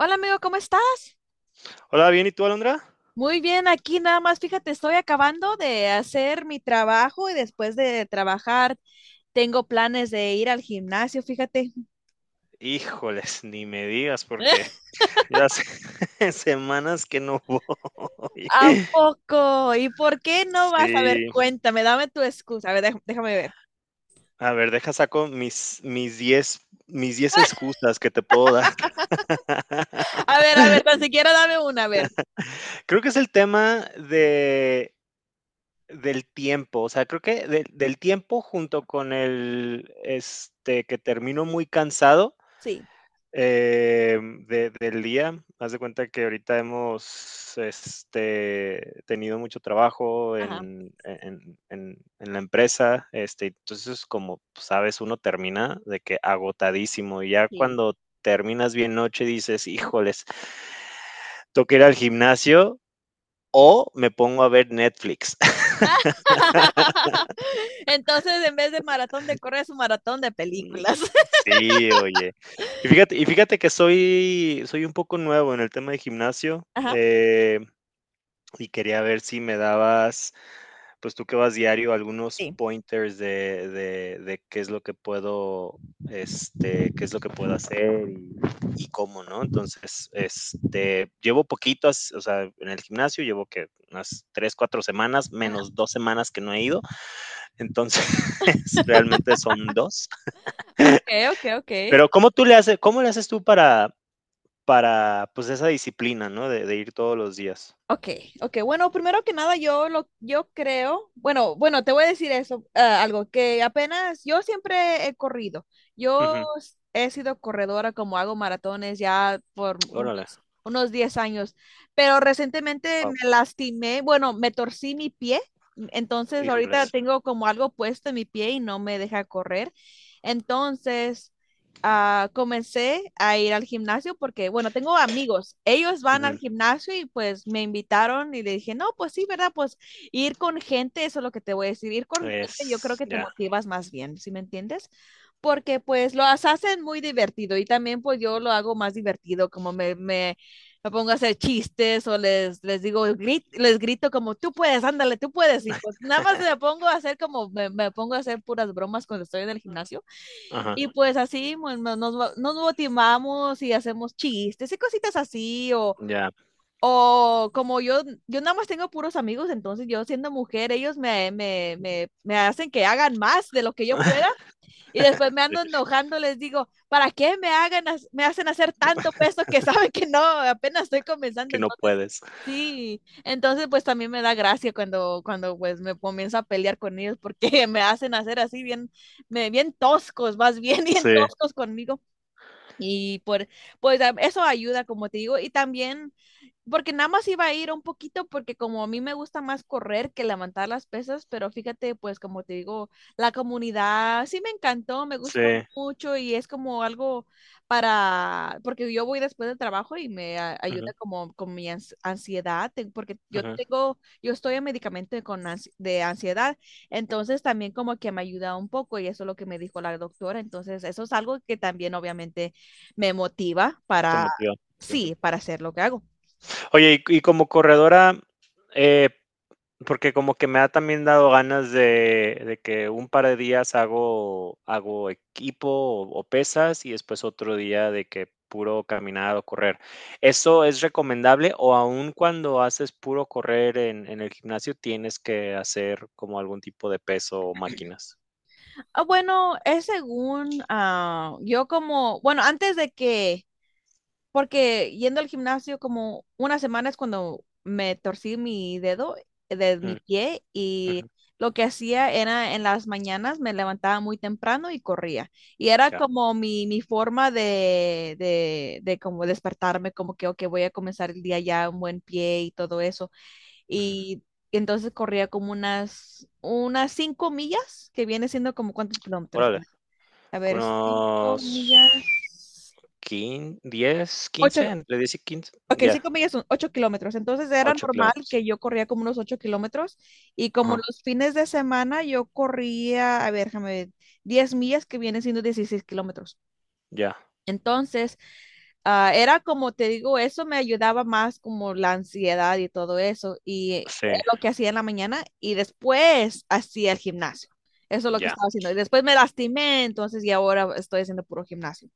Hola amigo, ¿cómo estás? Hola, bien, ¿y tú, Alondra? Muy bien, aquí nada más, fíjate, estoy acabando de hacer mi trabajo y después de trabajar tengo planes de ir al gimnasio, fíjate. Híjoles, ni me digas porque yo hace semanas que no voy. ¿A poco? ¿Y por qué no vas? A ver, Sí, cuéntame, dame tu excusa. A ver, déjame, déjame ver. a ver, deja saco mis 10 excusas que te puedo dar. A ver, a ver, tan siquiera dame una, a ver. Creo que es el tema de del tiempo, o sea, creo que del tiempo junto con el, este, que termino muy cansado. Sí, Eh, Del día, haz de cuenta que ahorita hemos este, tenido mucho trabajo ajá, en la empresa, este, entonces como sabes, uno termina de que agotadísimo y ya sí. cuando terminas bien noche dices, híjoles, toca ir al gimnasio o me pongo a ver Netflix. Entonces, en vez de maratón de correr, es un maratón de Mm. películas. Sí, oye. Y fíjate que soy un poco nuevo en el tema de gimnasio. Ajá, Y quería ver si me dabas, pues tú que vas diario, algunos sí. pointers de qué es lo que puedo, este, qué es lo que puedo hacer y cómo, ¿no? Entonces, este, llevo poquitos o sea, en el gimnasio llevo que unas 3, 4 semanas, Ajá. menos 2 semanas que no he ido, entonces realmente son 2. Ok, ok, ok. Pero ¿cómo tú le haces, cómo le haces tú para, pues esa disciplina, ¿no? De ir todos los días. Ok, ok. Bueno, primero que nada, yo creo, bueno, bueno, te voy a decir eso, algo que apenas, yo siempre he corrido. Ujú. He sido corredora, como hago maratones ya por Órale, unos 10 años, pero recientemente wow, me lastimé, bueno, me torcí mi pie, entonces ahorita, híjole, híjoles. tengo como algo puesto en mi pie y no me deja correr. Entonces, comencé a ir al gimnasio porque, bueno, tengo amigos, ellos van al gimnasio y pues me invitaron y le dije, no, pues sí, ¿verdad? Pues ir con gente, eso es lo que te voy a decir, ir con gente yo creo Es que te ya. motivas más bien, ¿sí me entiendes? Porque pues lo hacen muy divertido y también pues yo lo hago más divertido, como me pongo a hacer chistes o les digo, les grito como, tú puedes, ándale, tú puedes, y pues nada más me pongo a hacer como, me pongo a hacer puras bromas cuando estoy en el gimnasio. Ajá, Y pues así nos motivamos y hacemos chistes y cositas así, o, ya. o como yo nada más tengo puros amigos, entonces yo siendo mujer, ellos me hacen que hagan más de lo que yo pueda y después me Sí, ando enojando, les digo, ¿para qué me hagan, me hacen hacer tanto peso que saben que no, apenas estoy comenzando? que no Entonces, puedes. sí, entonces pues también me da gracia cuando pues me comienzo a pelear con ellos porque me hacen hacer así bien, bien toscos, más bien bien Sí, toscos conmigo. Y por, pues eso ayuda, como te digo, y también, porque nada más iba a ir un poquito, porque como a mí me gusta más correr que levantar las pesas, pero fíjate, pues como te digo, la comunidad sí me encantó, me gustó sí. mucho y es como algo para, porque yo voy después del trabajo y me ayuda Ujú, como con mi ansiedad, porque ujú, yo estoy en medicamento con de ansiedad. Entonces también como que me ayuda un poco y eso es lo que me dijo la doctora. Entonces eso es algo que también obviamente me motiva te para, motiva, sí. sí, para hacer lo que hago. Oye, y como corredora, eh, porque como que me ha también dado ganas de que un par de días hago equipo o pesas, y después otro día de que puro caminar o correr, ¿eso es recomendable o aún cuando haces puro correr en el gimnasio tienes que hacer como algún tipo de peso o máquinas? Ah, bueno, es según yo como, bueno, antes de que, porque yendo al gimnasio como una semana es cuando me torcí mi dedo de mi Mm. pie y lo que hacía era en las mañanas me levantaba muy temprano y corría. Y era Ya, como mi forma de como despertarme, como que, ok, voy a comenzar el día ya un buen pie y todo eso. ujú. Y entonces corría como unas 5 millas, que viene siendo como cuántos kilómetros. Órale, A con ver, cinco unos millas, quin 10 15 ocho, entre 10 y 15, ok, ya. 5 millas son 8 kilómetros. Entonces era 8 normal kilómetros. que yo corría como unos 8 kilómetros y como Ajá, los fines de semana yo corría, a ver, déjame ver, 10 millas, que viene siendo 16 kilómetros. ya, Entonces, era como te digo, eso me ayudaba más como la ansiedad y todo eso. Y sí, lo que hacía en la mañana y después hacía el gimnasio. Eso es lo que ya. estaba haciendo. Y después me lastimé, entonces y ahora estoy haciendo puro gimnasio.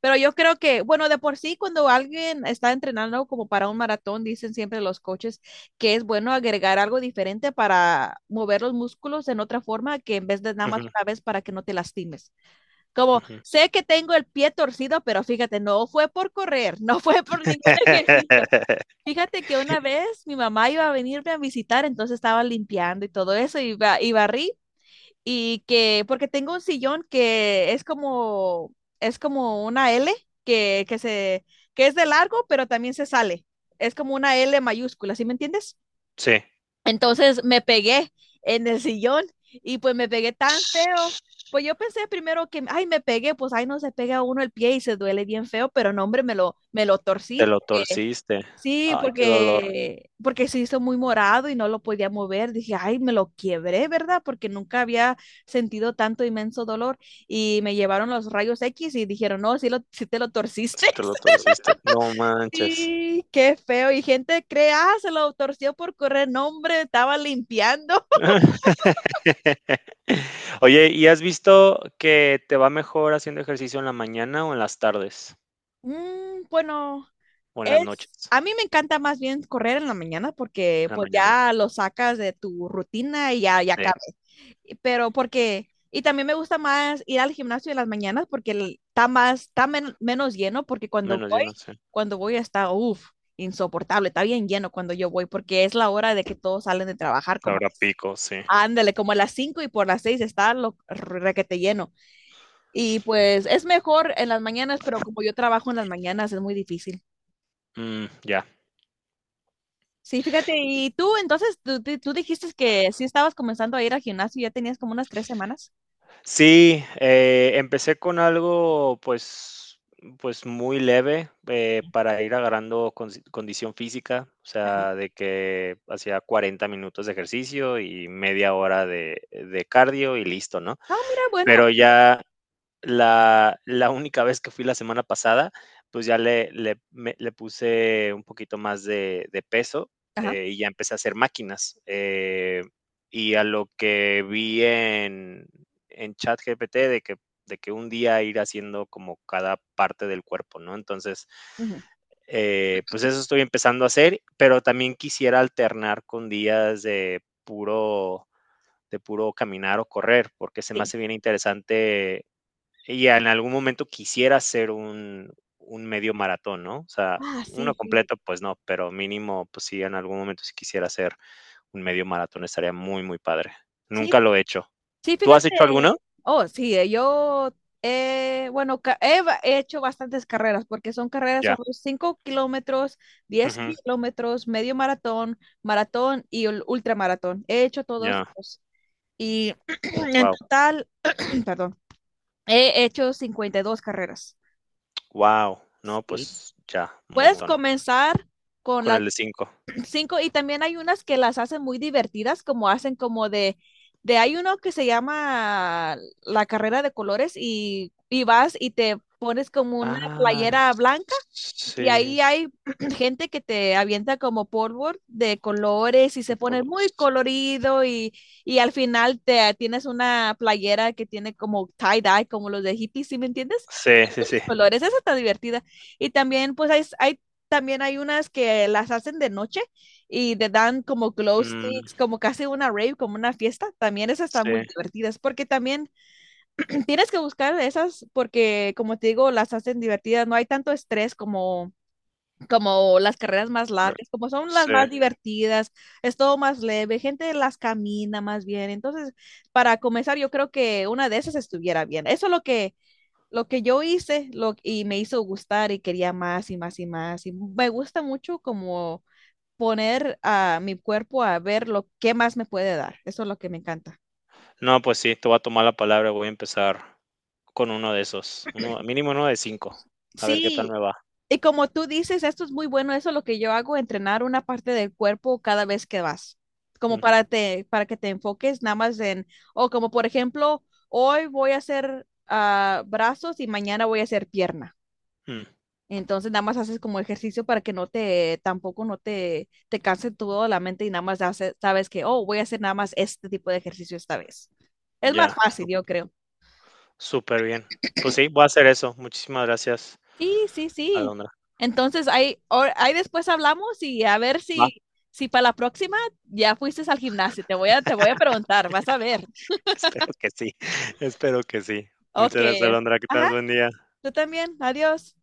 Pero yo creo que, bueno, de por sí, cuando alguien está entrenando como para un maratón, dicen siempre los coaches que es bueno agregar algo diferente para mover los músculos en otra forma que en vez de nada más Ujú, una vez para que no te lastimes. Como, ujú. sé que tengo el pie torcido, pero fíjate, no fue por correr, no fue por ningún ejercicio. Fíjate que una vez mi mamá iba a venirme a visitar, entonces estaba limpiando y todo eso, y barrí, y que, porque tengo un sillón que es como una L, que, que se, que es de largo, pero también se sale. Es como una L mayúscula, ¿sí me entiendes? Sí. Entonces me pegué en el sillón y pues me pegué tan feo. Pues yo pensé primero que, ay, me pegué, pues ay, no se pega uno el pie y se duele bien feo, pero no, hombre, me lo torcí Te lo porque, torciste. sí, Ay, qué dolor. porque se hizo muy morado y no lo podía mover. Dije, ay, me lo quiebré, ¿verdad? Porque nunca había sentido tanto inmenso dolor y me llevaron los rayos X y dijeron, no, sí, sí te lo Sí, torciste. te lo torciste. No manches. Sí, qué feo. Y gente cree, ah, se lo torció por correr. No, hombre, estaba limpiando. Oye, ¿y has visto que te va mejor haciendo ejercicio en la mañana o en las tardes? Mm, bueno, O en las noches. a mí me encanta más bien correr en la mañana porque En la pues mañana. ya lo sacas de tu rutina y ya Sí. cabe. Pero porque, y también me gusta más ir al gimnasio en las mañanas porque está menos lleno porque cuando Menos yo voy, no sé. cuando voy está, uff, insoportable, está bien lleno cuando yo voy porque es la hora de que todos salen de trabajar como, Ahora pico, sí. ándale, como a las 5 y por las 6 está lo requete lleno. Y pues es mejor en las mañanas, pero como yo trabajo en las mañanas es muy difícil. Mm, ya. Sí, fíjate, y tú entonces, tú dijiste que sí estabas comenzando a ir al gimnasio, ya tenías como unas 3 semanas. Sí, empecé con algo, pues pues muy leve, para ir agarrando consi condición física, o Ajá. sea, de que hacía 40 minutos de ejercicio y media hora de cardio y listo, ¿no? Ah, mira, Pero bueno. ya. La única vez que fui la semana pasada, pues, ya le puse un poquito más de peso, Ajá. Y ya empecé a hacer máquinas, y a lo que vi en ChatGPT de que un día ir haciendo como cada parte del cuerpo, ¿no? Entonces, ujú, pues, eso estoy empezando a hacer, pero también quisiera alternar con días de puro caminar o correr, porque se me Sí. hace bien interesante y en algún momento quisiera hacer un medio maratón, ¿no? O sea, Ah, uno sí, sí. completo, pues no, pero mínimo, pues sí, en algún momento si quisiera hacer un medio maratón estaría muy, muy padre. Nunca Sí, lo he hecho. sí, ¿Tú has fíjate. hecho alguno? Oh, sí, bueno, he hecho bastantes carreras, porque son carreras, son Ya. 5 kilómetros, diez Ujú. kilómetros, medio maratón, maratón y ultramaratón. He hecho todos Ya. esos. Y en Wow. total, perdón, he hecho 52 carreras. Wow. No, Sí. pues ya, un Puedes montón. comenzar con Con las el de 5. cinco y también hay unas que las hacen muy divertidas, como hacen como de hay uno que se llama la carrera de colores y vas y te pones como una Ah, playera blanca y sí. ahí hay gente que te avienta como polvo de colores y se El pone polo- muy colorido y al final te tienes una playera que tiene como tie-dye, como los de hippies, ¿sí me entiendes? Sí, sí, sí. Los colores, esa está divertida. Y también pues hay unas que las hacen de noche y te dan como glow Mm, sticks, como casi una rave, como una fiesta. También esas están sí. muy divertidas porque también tienes que buscar esas porque, como te digo, las hacen divertidas. No hay tanto estrés como las carreras más Correcto. largas, como son las Sí. más divertidas, es todo más leve, gente las camina más bien. Entonces, para comenzar, yo creo que una de esas estuviera bien. Eso es lo que yo hice y me hizo gustar y quería más y más y más. Y me gusta mucho como poner a mi cuerpo a ver lo que más me puede dar. Eso es lo que me encanta. No, pues sí, te voy a tomar la palabra. Voy a empezar con uno de esos. Uno, mínimo uno de 5. A ver qué tal Sí, me va. Y como tú dices, esto es muy bueno, eso es lo que yo hago, entrenar una parte del cuerpo cada vez que vas, como Mm, para que te enfoques nada más en, o como por ejemplo, hoy voy a hacer brazos y mañana voy a hacer pierna. mm, Entonces nada más haces como ejercicio para que tampoco no te canse todo la mente y nada más sabes que, oh, voy a hacer nada más este tipo de ejercicio esta vez. Es más ya, fácil, yo creo. súper bien. Pues sí, voy a hacer eso. Muchísimas gracias, Sí, sí, sí. Alondra. Entonces, ahí después hablamos y a ver Va, si, si para la próxima ya fuiste al gimnasio. Te voy a preguntar, vas a ver. espero que sí. Espero que sí. Ok. Muchas gracias, Alondra. Que Ajá, tengas buen día. tú también. Adiós.